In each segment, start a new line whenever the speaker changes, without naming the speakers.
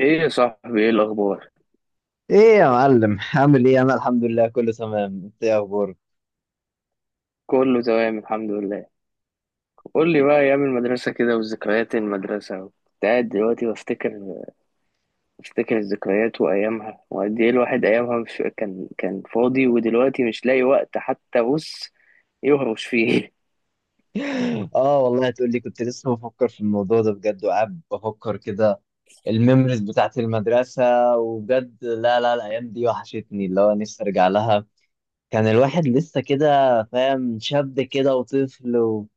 ايه يا صاحبي؟ ايه الاخبار؟
ايه يا معلم عامل ايه؟ انا الحمد لله كله تمام. انت ايه اخبارك؟
كله تمام الحمد لله. قول لي بقى، ايام المدرسه كده وذكريات المدرسه. كنت قاعد دلوقتي بفتكر، الذكريات وايامها، وقد ايه الواحد ايامها مش كان فاضي، ودلوقتي مش لاقي وقت حتى بص يهرش فيه.
اه والله تقول لي، كنت لسه بفكر في الموضوع ده بجد، وقاعد بفكر كده. الميموريز بتاعت المدرسة. وبجد لا لا، الايام دي وحشتني، اللي هو نفسي ارجع لها. كان الواحد لسه كده فاهم، شاب كده وطفل و...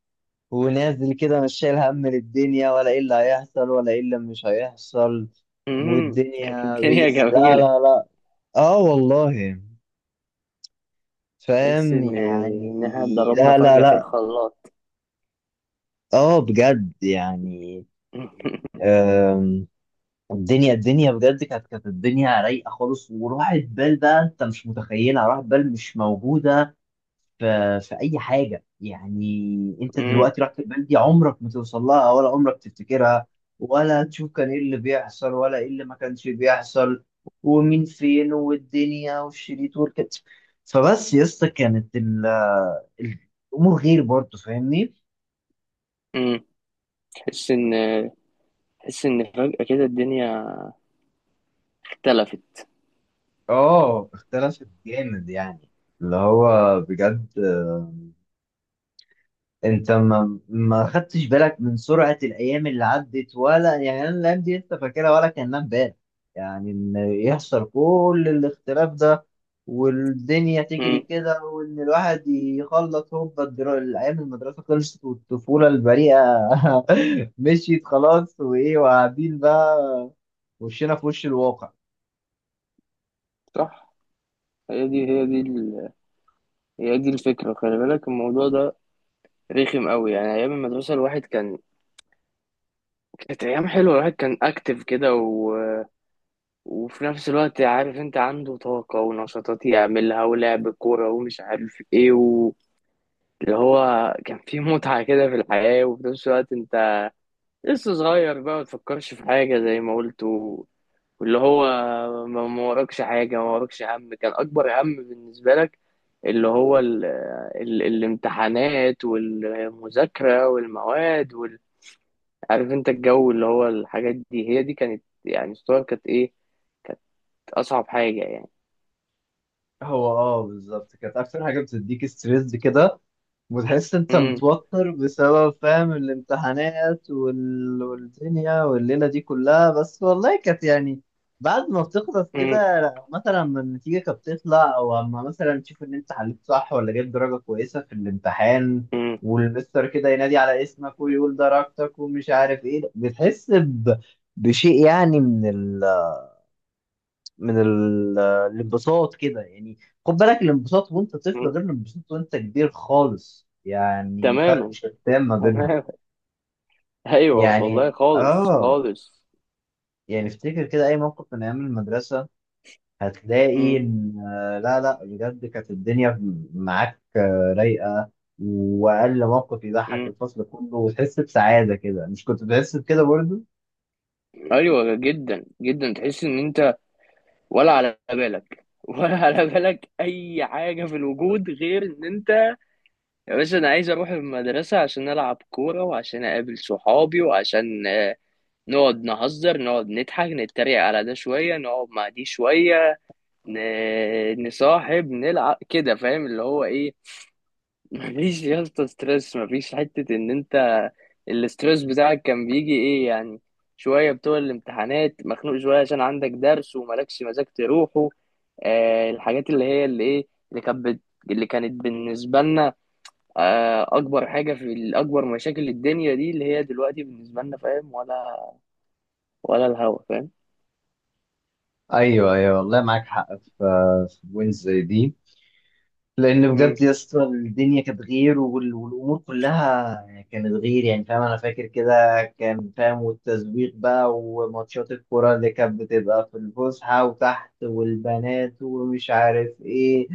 ونازل كده، مش شايل هم للدنيا، ولا ايه اللي هيحصل ولا ايه اللي مش هيحصل.
كانت
والدنيا
الدنيا
بيس، لا
جميله.
لا لا. اه والله.
تحس
فاهم
ان انها
يعني،
اتضربنا
لا لا
فجاه في
لا.
الخلاط.
اه بجد يعني. آم، الدنيا بجد كانت الدنيا رايقه خالص، وراحت بال، بقى انت مش متخيلها، راحت بال، مش موجوده في في اي حاجه. يعني انت
أمم،
دلوقتي رحت البلد دي، عمرك ما توصل لها ولا عمرك تفتكرها، ولا تشوف كان ايه اللي بيحصل ولا ايه اللي ما كانش بيحصل. ومين فين، والدنيا والشريط والكت. فبس يا اسطى، كانت ال- الامور غير برضه، فاهمني؟
أمم. تحس ان، فجاه كده الدنيا اختلفت.
اه اختلفت جامد يعني. اللي هو بجد، انت ما ما خدتش بالك من سرعة الايام اللي عدت، ولا يعني انا الايام دي انت فاكرها ولا كانها امبارح؟ يعني ان يحصل كل الاختلاف ده، والدنيا تجري
أمم،
كده، وان الواحد يخلص هوبا، الايام المدرسة خلصت، والطفولة البريئة مشيت خلاص، وايه وقاعدين بقى، وشنا في وش الواقع.
صح. هي دي هي دي الفكرة. خلي بالك الموضوع ده رخم قوي. يعني أيام المدرسة، الواحد كان، كانت أيام حلوة، الواحد كان أكتف كده و وفي نفس الوقت عارف أنت عنده طاقة ونشاطات يعملها ولعب كورة ومش عارف إيه و اللي هو كان في متعة كده في الحياة. وفي نفس الوقت أنت لسه صغير بقى، ما تفكرش في حاجة، زي ما قلت، واللي هو ما وراكش حاجة، ما وراكش هم. كان أكبر هم بالنسبة لك اللي هو ال ال الامتحانات والمذاكرة والمواد وال عارف انت الجو، اللي هو الحاجات دي هي دي كانت يعني الصور، كانت ايه أصعب حاجة يعني.
هو اه بالظبط، كانت اكتر حاجة بتديك ستريس كده، وتحس انت
مم.
متوتر بسبب فاهم الامتحانات وال... والدنيا والليلة دي كلها، بس والله كانت يعني. بعد ما بتخلص
مم.
كده، لو مثلا لما النتيجة كانت بتطلع، او اما مثلا تشوف ان انت حليت صح ولا جبت درجة كويسة في الامتحان،
مم.
والمستر كده ينادي على اسمك ويقول درجتك ومش عارف ايه، بتحس ب... بشيء يعني من ال... من الانبساط كده يعني. خد بالك، الانبساط وانت طفل،
مم.
غير الانبساط وانت كبير خالص، يعني فرق
تماما،
شتان ما بينهم.
تماما. ايوه والله،
يعني
خالص
اه.
خالص.
يعني افتكر كده اي موقف من ايام المدرسة، هتلاقي
مم.
ان لا لا بجد كانت الدنيا معاك رايقة. واقل موقف يضحك
مم.
الفصل كله وتحس بسعادة كده، مش كنت بتحس بكده برضو؟
ايوه جدا جدا. تحس ان انت ولا على بالك، ولا على بالك اي حاجه في الوجود، غير ان انت، يا باشا، انا عايز اروح المدرسه عشان العب كوره، وعشان اقابل صحابي، وعشان نقعد نهزر، نقعد نضحك، نتريق على ده شويه، نقعد مع دي شويه، نصاحب، نلعب كده. فاهم اللي هو ايه؟ مفيش يا اسطى ستريس، مفيش حتة ان انت، الاستريس بتاعك كان بيجي ايه يعني؟ شوية بتوع الامتحانات، مخنوق شوية عشان عندك درس وملكش مزاج تروحه. آه، الحاجات اللي هي اللي ايه، اللي كانت بالنسبة لنا آه اكبر حاجة في اكبر مشاكل الدنيا دي، اللي هي دلوقتي بالنسبة لنا. فاهم ولا ولا الهوا، فاهم؟
ايوه ايوه والله معاك حق، في في وينز دي. لان
مم،
بجد يا اسطى الدنيا كانت غير، والامور كلها كانت غير، يعني فاهم. انا فاكر كده، كان فاهم، والتسويق بقى، وماتشات الكوره اللي كانت بتبقى في الفسحه وتحت، والبنات ومش عارف ايه،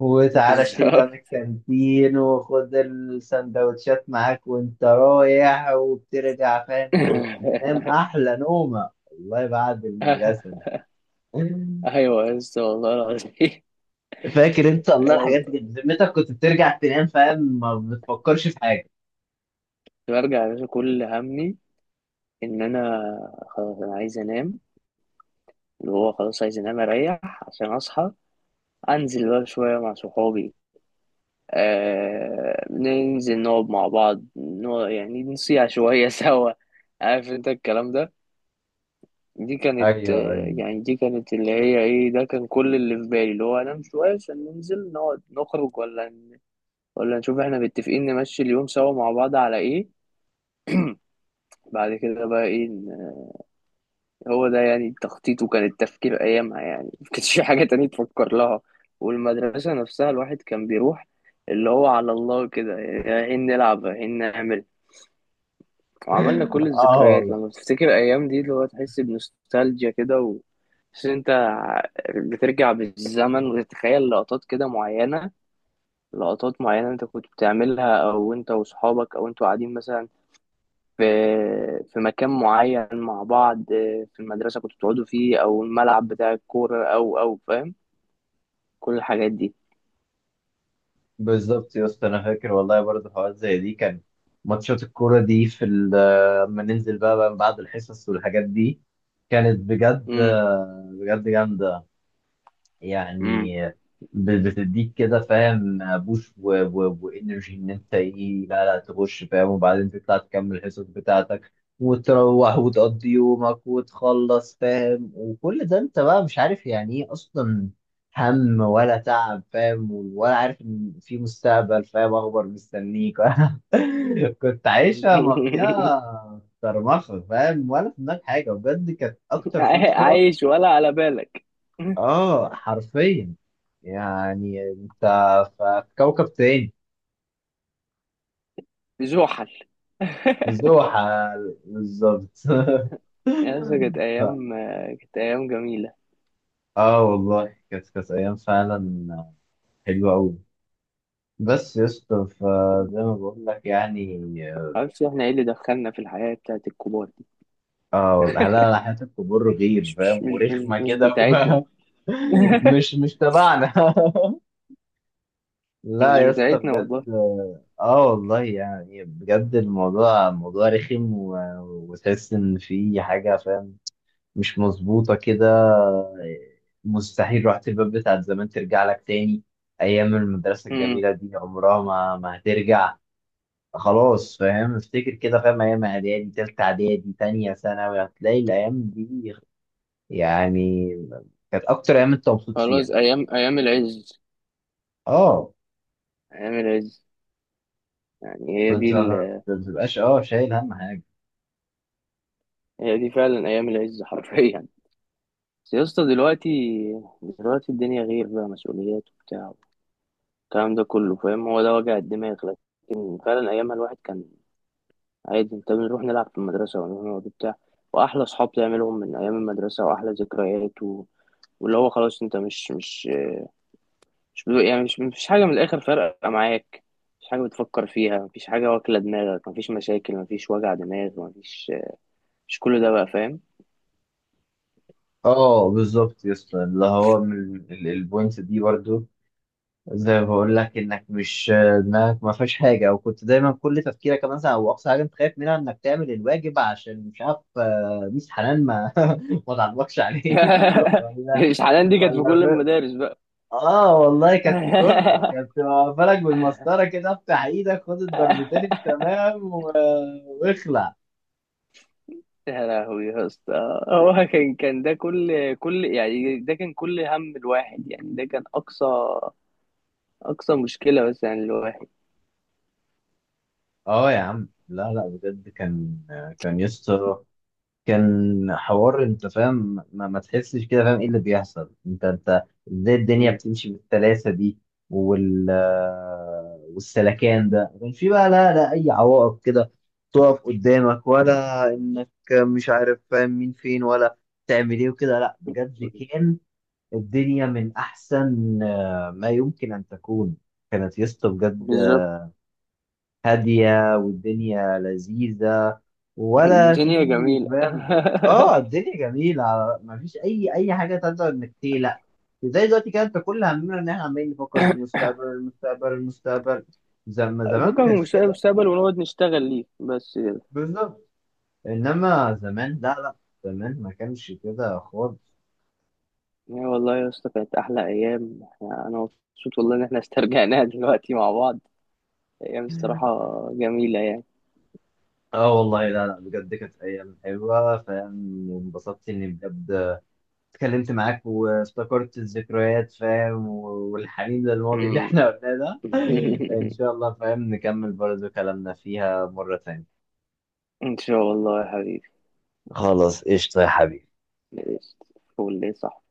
وتعالى اشتري ده من
بالظبط.
الكانتين، وخد السندوتشات معاك وانت رايح، وبترجع فاهم. كنت تنام احلى نومه والله بعد المدرسه دي.
ايوه يا اسطى، والله العظيم.
فاكر انت؟ الله، الحاجات دي
أيوة،
كانت بذمتك، كنت بترجع تنام فاهم، ما بتفكرش في حاجه.
برجع يا باشا، كل همي ان انا خلاص انا عايز انام. اللي هو خلاص عايز انام، اريح عشان اصحى انزل بقى شويه مع صحابي. آه، ننزل نقعد مع بعض، نقعد يعني نصيع شويه سوا. عارف انت الكلام ده. دي كانت،
ايوه ايوه.
يعني دي كانت اللي هي ايه، ده كان كل اللي في بالي، اللي هو انام شويه عشان ننزل نقعد نخرج، ولا نشوف احنا متفقين نمشي اليوم سوا مع بعض على ايه بعد كده بقى ايه. هو ده يعني تخطيط، وكان التفكير أيامها يعني، ما كانش في حاجة تانية تفكر لها. والمدرسة نفسها، الواحد كان بيروح اللي هو على الله كده، رايحين نلعب، رايحين نعمل. وعملنا كل
اه
الذكريات.
والله.
لما تفتكر الأيام دي اللي هو تحس بنوستالجيا كده، و... بس أنت بترجع بالزمن وتتخيل لقطات كده معينة، لقطات معينة أنت كنت بتعملها، أو أنت وأصحابك، أو أنتوا قاعدين مثلا في، في مكان معين مع بعض، في المدرسة كنتوا بتقعدوا فيه، أو الملعب بتاع الكورة، أو أو فاهم كل الحاجات دي.
بالظبط يا اسطى، انا فاكر والله برضه حوارات زي دي. كان ماتشات الكوره دي في لما ننزل بقى بعد الحصص والحاجات دي، كانت بجد
مم.
بجد جامده
مم.
يعني. بتديك كده فاهم بوش وانرجي، ان انت ايه، لا لا تخش فاهم. وبعدين تطلع تكمل الحصص بتاعتك وتروح وتقضي يومك وتخلص فاهم، وكل ده انت بقى مش عارف يعني ايه اصلا هم ولا تعب فاهم، ولا عارف ان في مستقبل فاهم اخبار مستنيك. كنت عايشة مقضيها طرمخة فاهم، ولا في دماغك حاجة، بجد كانت أكتر فترة.
عايش ولا على بالك.
اه حرفيا، يعني انت في كوكب تاني.
زحل.
زوحة، بالظبط.
يا اسطى كانت
ف-
أيام، كانت أيام جميلة.
اه والله، كانت ايام فعلا حلوه قوي. بس يا اسطى فزي ما بقول لك يعني.
معرفش احنا ايه اللي دخلنا في الحياة بتاعت الكبار دي.
اه والله، لا، حياه الكبار غير فاهم، ورخمه
مش
كده
بتاعتنا.
و- مش مش تبعنا. لا
مش
يا اسطى
بتاعتنا والله.
بجد، اه والله يعني، بجد الموضوع موضوع رخم و... وتحس ان في حاجه فاهم مش مظبوطه كده. مستحيل روحة الباب بتاعت زمان ترجع لك تاني. ايام المدرسه
مم.
الجميله دي عمرها ما ما هترجع. خلاص فاهم، افتكر كده فاهم، ايام اعدادي، تالتة اعدادي، تانية ثانوي، هتلاقي الايام دي يعني كانت اكتر ايام انت مبسوط
خلاص،
فيها.
أيام، أيام العز،
اه،
أيام العز، يعني هي
كنت
دي،
ما بتبقاش اه شايل هم حاجه.
هي دي فعلا ايام العز حرفيا. بس يا اسطى دلوقتي، دلوقتي الدنيا غير، بقى مسؤوليات وبتاع الكلام ده كله. فاهم، هو ده وجع الدماغ. لكن فعلا ايامها الواحد كان عادي، انت بنروح نلعب في المدرسه، ونروح نقعد وبتاع، واحلى اصحاب تعملهم من ايام المدرسه، واحلى ذكريات و واللي هو خلاص، انت مش مش بدو يعني مش، مفيش حاجه من الاخر فارقه معاك، مفيش حاجه بتفكر فيها، مفيش حاجه واكله دماغك، مفيش مشاكل، مفيش وجع دماغ، مفيش، مش كل ده بقى، فاهم؟
اه بالظبط يا اسطى، اللي هو من البوينت دي برضو، زي ما بقول لك، انك مش دماغك ما فيهاش حاجه، او كنت دايما كل تفكيرك مثلا، او اقصى حاجه انت خايف منها انك تعمل الواجب، عشان مش عارف ميس حنان ما ما تعبكش عليه. ولا
مش حاليا دي كانت في
ولا
كل
ف...
المدارس.
اه والله، كانت في كله، كانت واقفه لك بالمسطره كده، افتح ايدك خد الضربتين التمام و... واخلع.
يا لهوي يا اسطى، هو كان ده كل يعني ده كان كل هم الواحد، يعني ده كان اقصى، اقصى مشكلة بس يعني الواحد.
اه يا عم، لا لا بجد كان، كان يسطا، كان حوار انت فاهم. ما تحسش كده، فاهم ايه اللي بيحصل؟ انت انت ازاي الدنيا
مم.
بتمشي بالسلاسه دي؟ وال والسلكان ده ما كانش في بقى، لا لا اي عوائق كده تقف قدامك، ولا انك مش عارف فاهم مين فين، ولا تعمل ايه وكده. لا بجد، كان الدنيا من احسن ما يمكن ان تكون، كانت يا اسطى بجد
بالظبط.
هادية، والدنيا لذيذة، ولا
الدنيا
في
جميلة.
فاهم. اه الدنيا جميلة، ما فيش أي حاجة تقدر إنك تقلق. زي دلوقتي، كانت كل همنا إن إحنا عمالين نفكر في المستقبل، المستقبل المستقبل. زمان
فكك
ما
من
كانش
مشكلة
كده.
المستقبل ونقعد نشتغل ليه بس كده.
بالظبط. إنما زمان لا لا، زمان ما كانش كده خالص.
يا والله يا اسطى، كانت احلى ايام. احنا انا مبسوط والله ان احنا استرجعناها دلوقتي مع بعض. ايام الصراحة جميلة يعني.
اه والله لا لا بجد، كانت أيام حلوة فاهم، وانبسطت إني بجد اتكلمت معاك وافتكرت الذكريات فاهم، والحنين للماضي اللي
مم.
احنا قلناه ده. ان شاء الله فاهم نكمل برضو كلامنا فيها مرة تانية.
ان شاء الله يا حبيبي.
خلاص قشطة يا حبيبي.
ليست فول ليه، صح؟